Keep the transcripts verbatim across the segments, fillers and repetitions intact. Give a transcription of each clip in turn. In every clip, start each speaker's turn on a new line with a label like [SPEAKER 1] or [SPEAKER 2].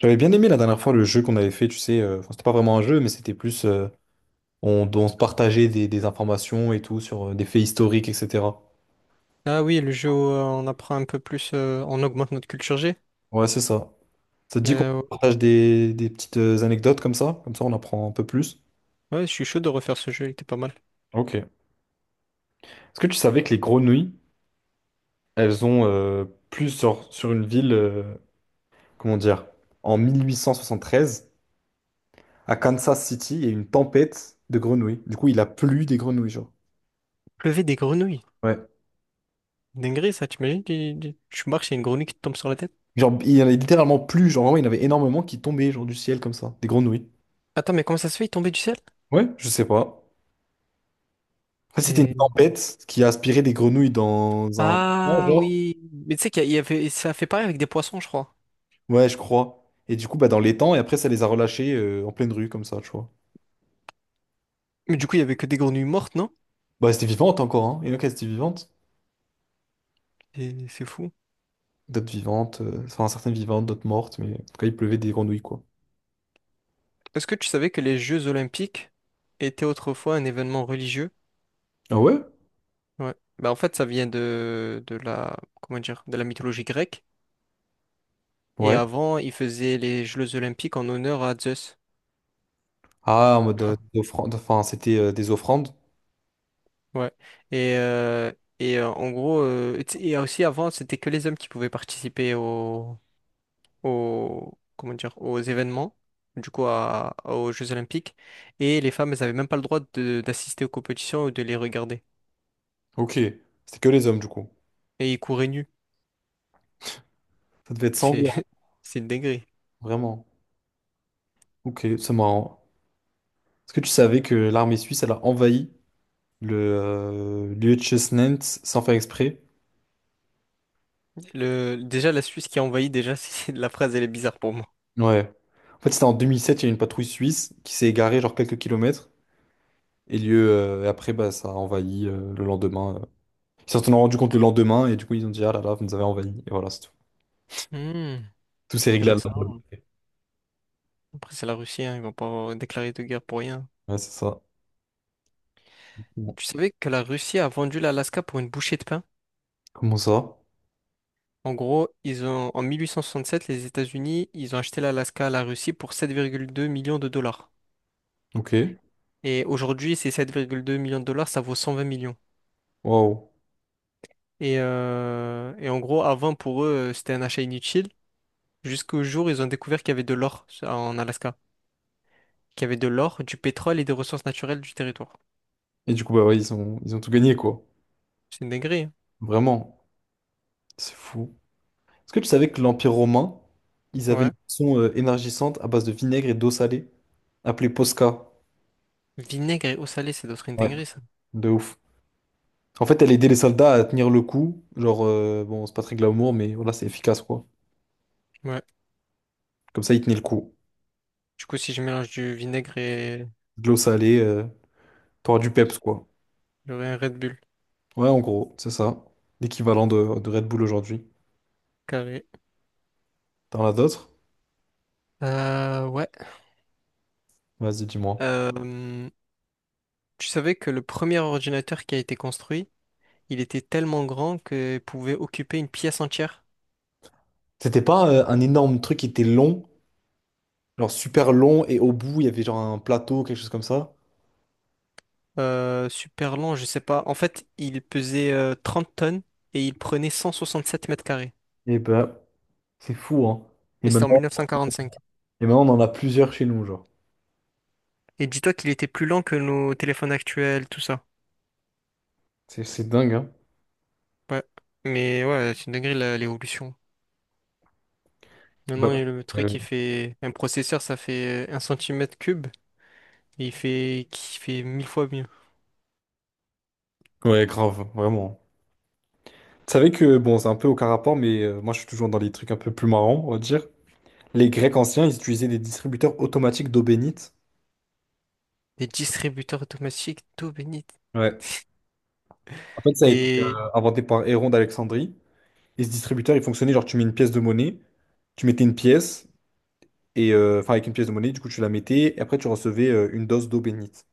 [SPEAKER 1] J'avais bien aimé la dernière fois le jeu qu'on avait fait, tu sais, euh, enfin, c'était pas vraiment un jeu, mais c'était plus euh, on, on se partageait des, des informations et tout sur euh, des faits historiques, et cetera.
[SPEAKER 2] Ah oui, le jeu où euh, on apprend un peu plus, euh, on augmente notre culture G.
[SPEAKER 1] Ouais, c'est ça. Ça te dit qu'on
[SPEAKER 2] Euh,
[SPEAKER 1] partage des, des petites euh, anecdotes comme ça? Comme ça, on apprend un peu plus.
[SPEAKER 2] ouais, je suis chaud de refaire ce jeu, il était pas mal.
[SPEAKER 1] Ok. Est-ce que tu savais que les grenouilles, elles ont euh, plus sur, sur une ville, euh, comment dire, en mille huit cent soixante-treize, à Kansas City, il y a eu une tempête de grenouilles. Du coup, il a plu des grenouilles, genre.
[SPEAKER 2] Lever des grenouilles.
[SPEAKER 1] Ouais.
[SPEAKER 2] Dinguerie, ça, t'imagines? Tu, tu, tu marches, il y a une grenouille qui te tombe sur la tête.
[SPEAKER 1] Genre, il y en a littéralement plus, genre vraiment, il y en avait énormément qui tombaient genre du ciel comme ça, des grenouilles.
[SPEAKER 2] Attends, mais comment ça se fait, il est tombé du ciel?
[SPEAKER 1] Ouais, je sais pas. Après, c'était une
[SPEAKER 2] Et-
[SPEAKER 1] tempête qui a aspiré des grenouilles dans un étang,
[SPEAKER 2] Ah
[SPEAKER 1] genre.
[SPEAKER 2] oui. Mais tu sais qu'il y a- il y avait, ça a fait pareil avec des poissons, je crois.
[SPEAKER 1] Ouais, je crois. Et du coup, bah, dans l'étang, et après, ça les a relâchées euh, en pleine rue, comme ça, tu vois.
[SPEAKER 2] Mais du coup, il y avait que des grenouilles mortes, non?
[SPEAKER 1] Bah, c'était vivante encore, hein. Il y en a qui étaient vivantes.
[SPEAKER 2] Et c'est fou.
[SPEAKER 1] D'autres vivantes, euh, enfin, certaines vivantes, d'autres mortes, mais en tout cas, il pleuvait des grenouilles, quoi.
[SPEAKER 2] Est-ce que tu savais que les Jeux Olympiques étaient autrefois un événement religieux?
[SPEAKER 1] Ah ouais?
[SPEAKER 2] Ouais. Bah en fait, ça vient de, de la, comment dire, de la mythologie grecque. Et
[SPEAKER 1] Ouais.
[SPEAKER 2] avant, ils faisaient les Jeux olympiques en honneur à Zeus.
[SPEAKER 1] Ah, en mode
[SPEAKER 2] Tu
[SPEAKER 1] euh,
[SPEAKER 2] vois?
[SPEAKER 1] offrande, enfin, c'était euh, des offrandes.
[SPEAKER 2] Ouais. Et, euh, et euh, en gros, euh, tu sais, et aussi avant, c'était que les hommes qui pouvaient participer aux, aux, comment dire, aux événements, du coup, à- aux Jeux olympiques. Et les femmes, elles n'avaient même pas le droit de- d'assister aux compétitions ou de les regarder.
[SPEAKER 1] Ok. C'était que les hommes, du coup.
[SPEAKER 2] Et ils couraient nus.
[SPEAKER 1] Ça devait être
[SPEAKER 2] C'est,
[SPEAKER 1] sanglant,
[SPEAKER 2] c'est une dinguerie.
[SPEAKER 1] vraiment. Ok, c'est marrant. Est-ce que tu savais que l'armée suisse, elle a envahi le euh, Liechtenstein sans faire exprès?
[SPEAKER 2] Le, déjà, la Suisse qui a envahi, déjà, c'est- la phrase, elle est bizarre pour moi.
[SPEAKER 1] Ouais. En fait, c'était en deux mille sept, il y a une patrouille suisse qui s'est égarée genre quelques kilomètres. Et lieu, euh, et après, bah, ça a envahi euh, le lendemain. euh. Ils s'en sont rendu compte le lendemain et du coup, ils ont dit, ah là là, vous nous avez envahi. Et voilà, c'est tout.
[SPEAKER 2] Hmm,
[SPEAKER 1] Tout s'est réglé à la.
[SPEAKER 2] intéressant, hein. Après, c'est la Russie, hein, ils vont pas déclarer de guerre pour rien.
[SPEAKER 1] Ouais, c'est ça. Bon.
[SPEAKER 2] Tu savais que la Russie a vendu l'Alaska pour une bouchée de pain?
[SPEAKER 1] Comment ça?
[SPEAKER 2] En gros, ils ont, en mille huit cent soixante-sept, les États-Unis, ils ont acheté l'Alaska à la Russie pour sept virgule deux millions de dollars.
[SPEAKER 1] Ok.
[SPEAKER 2] Et aujourd'hui, ces sept virgule deux millions de dollars, ça vaut cent vingt millions.
[SPEAKER 1] Waouh.
[SPEAKER 2] Et, euh, et en gros, avant, pour eux, euh, c'était un achat inutile, jusqu'au jour où ils ont découvert qu'il y avait de l'or en Alaska, qu'il y avait de l'or, du pétrole et des ressources naturelles du territoire.
[SPEAKER 1] Et du coup, bah ouais, ils ont, ils ont tout gagné, quoi.
[SPEAKER 2] C'est une dinguerie, hein.
[SPEAKER 1] Vraiment. C'est fou. Est-ce que tu savais que l'Empire romain, ils avaient une
[SPEAKER 2] Ouais.
[SPEAKER 1] boisson euh, énergisante à base de vinaigre et d'eau salée, appelée Posca.
[SPEAKER 2] Vinaigre et eau salée, c'est d'autres une
[SPEAKER 1] Ouais.
[SPEAKER 2] dinguerie, ça.
[SPEAKER 1] De ouf. En fait, elle aidait les soldats à tenir le coup. Genre, euh, bon, c'est pas très glamour, mais voilà, c'est efficace, quoi.
[SPEAKER 2] Ouais.
[SPEAKER 1] Comme ça, ils tenaient le coup.
[SPEAKER 2] Du coup, si je mélange du vinaigre et
[SPEAKER 1] De l'eau salée, euh, t'auras du peps, quoi.
[SPEAKER 2] j'aurai un Red Bull
[SPEAKER 1] Ouais, en gros, c'est ça. L'équivalent de, de Red Bull aujourd'hui.
[SPEAKER 2] carré.
[SPEAKER 1] T'en as d'autres?
[SPEAKER 2] Euh, ouais.
[SPEAKER 1] Vas-y, dis-moi.
[SPEAKER 2] Euh, Tu savais que le premier ordinateur qui a été construit, il était tellement grand qu'il pouvait occuper une pièce entière.
[SPEAKER 1] C'était pas euh, un énorme truc qui était long, genre super long, et au bout, il y avait genre un plateau, quelque chose comme ça.
[SPEAKER 2] Euh, super long, je sais pas. En fait, il pesait euh, trente tonnes et il prenait cent soixante sept mètres carrés.
[SPEAKER 1] Et ben, c'est fou, hein. Et
[SPEAKER 2] Et c'était en mille
[SPEAKER 1] maintenant,
[SPEAKER 2] neuf cent quarante cinq
[SPEAKER 1] et maintenant, on en a plusieurs chez nous, genre.
[SPEAKER 2] Et dis-toi qu'il était plus lent que nos téléphones actuels, tout ça.
[SPEAKER 1] C'est c'est dingue, hein.
[SPEAKER 2] Ouais. Mais ouais, c'est une dinguerie la- l'évolution.
[SPEAKER 1] Bah,
[SPEAKER 2] Maintenant, il y a le
[SPEAKER 1] euh,
[SPEAKER 2] truc, il fait... un processeur, ça fait euh, un centimètre cube. Et il fait... qui fait mille fois mieux.
[SPEAKER 1] ouais, grave, vraiment. Tu savais que, bon, c'est un peu aucun rapport, mais euh, moi je suis toujours dans les trucs un peu plus marrants, on va dire. Les Grecs anciens, ils utilisaient des distributeurs automatiques d'eau bénite.
[SPEAKER 2] Des distributeurs automatiques d'eau bénite.
[SPEAKER 1] Ouais. En fait, ça a été euh,
[SPEAKER 2] Et
[SPEAKER 1] inventé par Héron d'Alexandrie. Et ce distributeur, il fonctionnait genre, tu mets une pièce de monnaie, tu mettais une pièce, et euh, enfin, avec une pièce de monnaie, du coup, tu la mettais, et après, tu recevais euh, une dose d'eau bénite.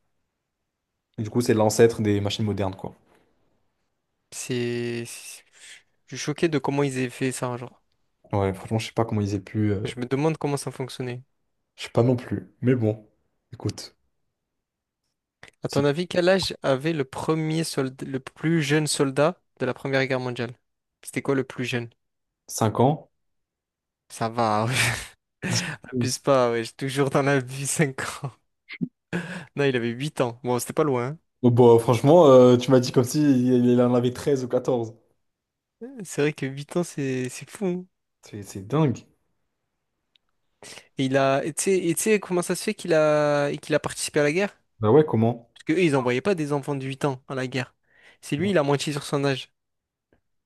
[SPEAKER 1] Et du coup, c'est l'ancêtre des machines modernes, quoi.
[SPEAKER 2] c'est... Je suis choqué de comment ils aient fait ça, genre.
[SPEAKER 1] Ouais, franchement, je sais pas comment ils aient pu. Euh,
[SPEAKER 2] Je me demande comment ça fonctionnait.
[SPEAKER 1] je sais pas non plus. Mais bon, écoute,
[SPEAKER 2] À
[SPEAKER 1] si
[SPEAKER 2] ton avis, quel âge avait le premier soldat, le plus jeune soldat de la Première Guerre mondiale? C'était quoi le plus jeune?
[SPEAKER 1] 5 ans.
[SPEAKER 2] Ça va, ouais. Abuse pas, ouais, j'ai toujours dans la vie cinq ans. Non, il avait huit ans. Bon, c'était pas loin, hein.
[SPEAKER 1] Oh, bah, franchement, euh, tu m'as dit comme si il il en avait treize ou quatorze.
[SPEAKER 2] C'est vrai que huit ans, c'est c'est fou, hein.
[SPEAKER 1] C'est c'est dingue.
[SPEAKER 2] Et il a, et tu sais, et tu sais comment ça se fait qu'il a, et qu'il a participé à la guerre?
[SPEAKER 1] Bah ouais, comment?
[SPEAKER 2] Parce qu'eux, ils envoyaient pas des enfants de huit ans à la guerre. C'est lui,
[SPEAKER 1] Ouais.
[SPEAKER 2] il a moitié sur son âge.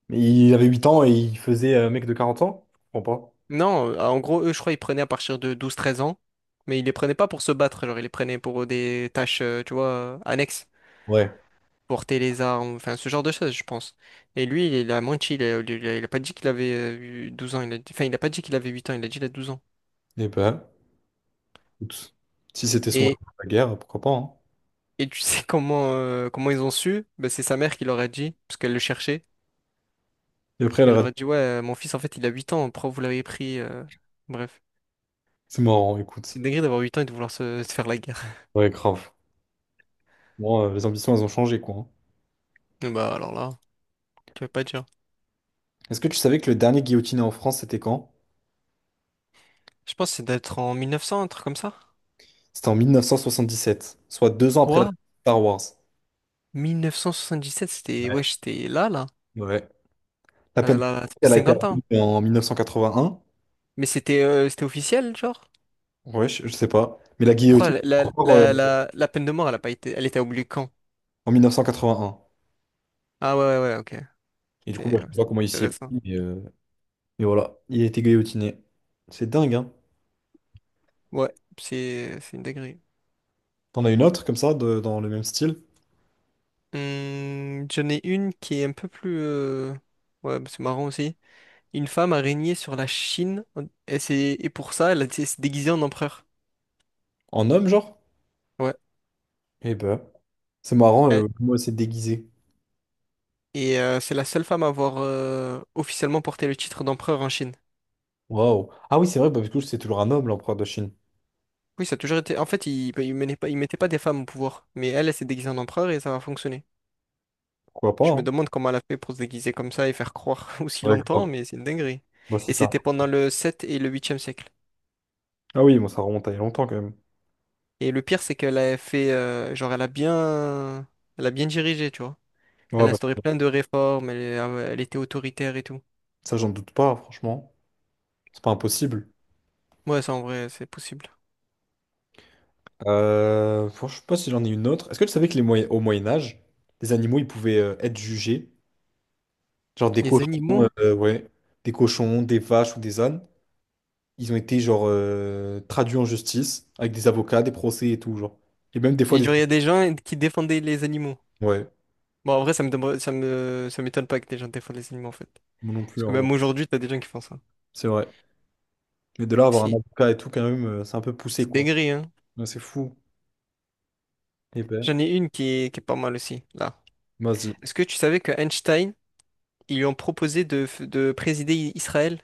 [SPEAKER 1] Mais il avait huit ans et il faisait un mec de quarante ans? Je comprends pas.
[SPEAKER 2] Non, euh, en gros, eux, je crois, ils prenaient à partir de douze, treize ans, mais ils les prenaient pas pour se battre, genre, ils les prenaient pour des tâches, euh, tu vois, euh, annexes,
[SPEAKER 1] Ouais.
[SPEAKER 2] porter les armes, enfin, ce genre de choses, je pense. Et lui, il a menti, il a, il a- il a pas dit qu'il avait euh, eu douze ans, il a, dit- enfin, il a pas dit qu'il avait huit ans, il a dit qu'il a douze ans.
[SPEAKER 1] Et ben, écoute, si c'était son rêve,
[SPEAKER 2] Et,
[SPEAKER 1] la guerre, pourquoi pas, hein.
[SPEAKER 2] et tu sais comment, euh, comment ils ont su? Ben, c'est sa mère qui leur a dit, parce qu'elle le cherchait.
[SPEAKER 1] Et après, elle a
[SPEAKER 2] Elle leur a
[SPEAKER 1] raté.
[SPEAKER 2] dit, ouais, euh, mon fils, en fait, il a huit ans, pourquoi vous l'avez pris? euh, Bref.
[SPEAKER 1] C'est marrant,
[SPEAKER 2] C'est
[SPEAKER 1] écoute.
[SPEAKER 2] une d'avoir huit ans et de vouloir se, se faire la guerre.
[SPEAKER 1] Ouais, grave. Bon, euh, les ambitions, elles ont changé, quoi, hein.
[SPEAKER 2] Bah alors là, tu vas pas dire.
[SPEAKER 1] Est-ce que tu savais que le dernier guillotiné en France, c'était quand?
[SPEAKER 2] Je pense que c'est d'être en mille neuf cents, un truc comme ça.
[SPEAKER 1] C'était en mille neuf cent soixante-dix-sept, soit deux ans après la
[SPEAKER 2] Quoi?
[SPEAKER 1] Star Wars.
[SPEAKER 2] mille neuf cent soixante-dix-sept, c'était.
[SPEAKER 1] Ouais.
[SPEAKER 2] Ouais, j'étais là, là.
[SPEAKER 1] Ouais. La
[SPEAKER 2] Euh, là,
[SPEAKER 1] peine de
[SPEAKER 2] là, ça
[SPEAKER 1] mort,
[SPEAKER 2] fait
[SPEAKER 1] elle a été
[SPEAKER 2] cinquante ans.
[SPEAKER 1] abolie en mille neuf cent quatre-vingt-un.
[SPEAKER 2] Mais c'était euh, c'était officiel, genre?
[SPEAKER 1] Ouais, je, je sais pas. Mais la
[SPEAKER 2] Pourquoi
[SPEAKER 1] guillotine,
[SPEAKER 2] la,
[SPEAKER 1] c'est
[SPEAKER 2] la,
[SPEAKER 1] encore euh,
[SPEAKER 2] la, la, la peine de mort, elle a pas été... elle était oubliée quand?
[SPEAKER 1] en mille neuf cent quatre-vingt-un.
[SPEAKER 2] Ah ouais, ouais, ouais, ok.
[SPEAKER 1] Et du coup, bah,
[SPEAKER 2] C'est
[SPEAKER 1] je
[SPEAKER 2] euh,
[SPEAKER 1] sais
[SPEAKER 2] c'est
[SPEAKER 1] pas comment il s'y est pris,
[SPEAKER 2] intéressant.
[SPEAKER 1] mais, euh, mais voilà, il a été guillotiné. C'est dingue, hein.
[SPEAKER 2] Ouais, c'est c'est une dinguerie.
[SPEAKER 1] T'en as une autre comme ça, de- dans le même style?
[SPEAKER 2] Hum, j'en ai une qui est un peu plus. euh, Ouais, bah, c'est marrant aussi. Une femme a régné sur la Chine et, c'est, et pour ça, elle s'est déguisée en empereur.
[SPEAKER 1] En homme, genre?
[SPEAKER 2] Ouais.
[SPEAKER 1] Eh ben, c'est marrant,
[SPEAKER 2] Elle-
[SPEAKER 1] euh, comment elle s'est déguisée.
[SPEAKER 2] Et euh, c'est la seule femme à avoir euh, officiellement porté le titre d'empereur en Chine.
[SPEAKER 1] Waouh. Ah oui, c'est vrai, bah, du coup, c'est toujours un homme, l'empereur de Chine.
[SPEAKER 2] Oui, ça a toujours été. En fait, ils il mettaient pas, ils mettaient pas des femmes au pouvoir, mais elle, elle s'est déguisée en empereur et ça a fonctionné.
[SPEAKER 1] Pourquoi pas,
[SPEAKER 2] Je me
[SPEAKER 1] hein?
[SPEAKER 2] demande comment elle a fait pour se déguiser comme ça et faire croire aussi
[SPEAKER 1] Ouais, grave.
[SPEAKER 2] longtemps, mais c'est une dinguerie.
[SPEAKER 1] Moi, c'est
[SPEAKER 2] Et
[SPEAKER 1] ça.
[SPEAKER 2] c'était pendant le sept et le huitième siècle.
[SPEAKER 1] Ah oui, moi, ça remonte à il y a longtemps, quand même.
[SPEAKER 2] Et le pire, c'est qu'elle a fait, euh, genre, elle a bien, elle a bien dirigé, tu vois. Elle
[SPEAKER 1] Ouais,
[SPEAKER 2] a
[SPEAKER 1] bah,
[SPEAKER 2] instauré plein de réformes, elle elle était autoritaire et tout.
[SPEAKER 1] ça, j'en doute pas, franchement. C'est pas impossible.
[SPEAKER 2] Ouais, ça en vrai, c'est possible.
[SPEAKER 1] Euh, franchement, je sais pas si j'en ai une autre. Est-ce que tu savais que les Moyen- au Moyen Âge, les animaux ils pouvaient euh, être jugés, genre des
[SPEAKER 2] Les
[SPEAKER 1] cochons,
[SPEAKER 2] animaux?
[SPEAKER 1] euh, ouais, des cochons, des vaches ou des ânes, ils ont été genre euh, traduits en justice avec des avocats, des procès et tout genre. Et même des fois
[SPEAKER 2] Et
[SPEAKER 1] des,
[SPEAKER 2] genre, il y a des gens qui défendaient les animaux.
[SPEAKER 1] ouais,
[SPEAKER 2] Bon, en vrai, ça me demande- ça me, ça m'étonne pas que des gens défendent les animaux, en fait.
[SPEAKER 1] moi non
[SPEAKER 2] Parce
[SPEAKER 1] plus, hein,
[SPEAKER 2] que
[SPEAKER 1] ouais.
[SPEAKER 2] même aujourd'hui, t'as des gens qui font ça.
[SPEAKER 1] C'est vrai. Mais de là à avoir un
[SPEAKER 2] Si,
[SPEAKER 1] avocat et tout quand même, euh, c'est un peu poussé
[SPEAKER 2] c'est
[SPEAKER 1] quoi.
[SPEAKER 2] dégré, hein.
[SPEAKER 1] Ouais, c'est fou. Eh ben,
[SPEAKER 2] J'en ai une qui est, qui est pas mal aussi, là.
[SPEAKER 1] vas-y.
[SPEAKER 2] Est-ce que tu savais que Einstein, ils lui ont proposé de, f- de présider I- Israël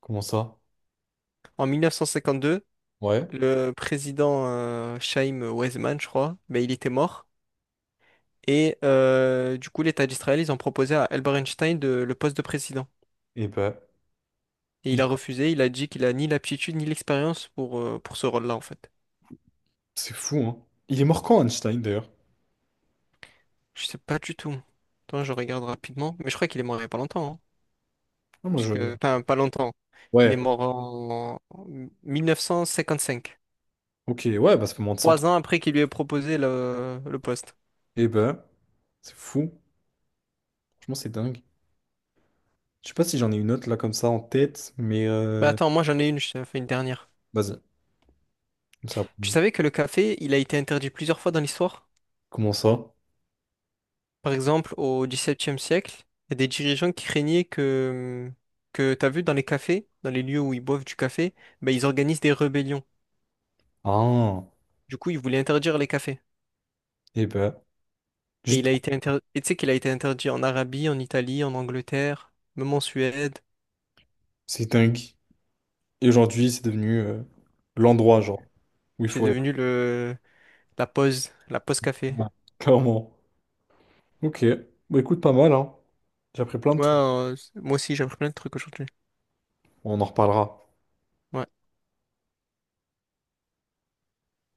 [SPEAKER 1] Comment ça?
[SPEAKER 2] en mille neuf cent cinquante-deux?
[SPEAKER 1] Ouais.
[SPEAKER 2] Le président euh, Chaim Weizmann, je crois, ben, il était mort. Et euh, du coup, l'État d'Israël, ils ont proposé à Albert Einstein de- le poste de président.
[SPEAKER 1] Eh ben,
[SPEAKER 2] Et il
[SPEAKER 1] il-
[SPEAKER 2] a refusé, il a dit qu'il a ni l'aptitude ni l'expérience pour, euh, pour ce rôle-là, en fait.
[SPEAKER 1] c'est fou hein. Il est mort quand Einstein d'ailleurs?
[SPEAKER 2] Je sais pas du tout. Attends, je regarde rapidement. Mais je crois qu'il est mort il y a pas longtemps, hein.
[SPEAKER 1] Ah, moi
[SPEAKER 2] Parce
[SPEAKER 1] je.
[SPEAKER 2] que, enfin, pas longtemps. Il est
[SPEAKER 1] Ouais.
[SPEAKER 2] mort en mille neuf cent cinquante-cinq.
[SPEAKER 1] Ok, ouais, bah ça fait moins de cent.
[SPEAKER 2] Trois ans après qu'il lui ait proposé le, le poste.
[SPEAKER 1] Eh ben, c'est fou. Franchement, c'est dingue. Je sais pas si j'en ai une autre là comme ça en tête, mais
[SPEAKER 2] Bah
[SPEAKER 1] euh,
[SPEAKER 2] attends, moi j'en ai une, je t'en fais une dernière.
[SPEAKER 1] vas-y, comme ça.
[SPEAKER 2] Tu savais que le café, il a été interdit plusieurs fois dans l'histoire?
[SPEAKER 1] Comment ça?
[SPEAKER 2] Par exemple, au XVIIe siècle, il y a des dirigeants qui craignaient que, que t'as vu dans les cafés, dans les lieux où ils boivent du café, bah, ils organisent des rébellions.
[SPEAKER 1] Ah,
[SPEAKER 2] Du coup, il voulait interdire les cafés.
[SPEAKER 1] eh ben,
[SPEAKER 2] Et il
[SPEAKER 1] juste,
[SPEAKER 2] a été inter- et tu sais qu'il a été interdit en Arabie, en Italie, en Angleterre, même en Suède.
[SPEAKER 1] c'est dingue. Et aujourd'hui, c'est devenu euh, l'endroit, genre, où il
[SPEAKER 2] C'est
[SPEAKER 1] faut être,
[SPEAKER 2] devenu le la pause, la pause café.
[SPEAKER 1] clairement. Ok, bah écoute, pas mal, hein. J'ai appris plein de
[SPEAKER 2] Ouais,
[SPEAKER 1] trucs.
[SPEAKER 2] euh, moi aussi, j'ai appris plein de trucs aujourd'hui.
[SPEAKER 1] On en reparlera.
[SPEAKER 2] Ouais.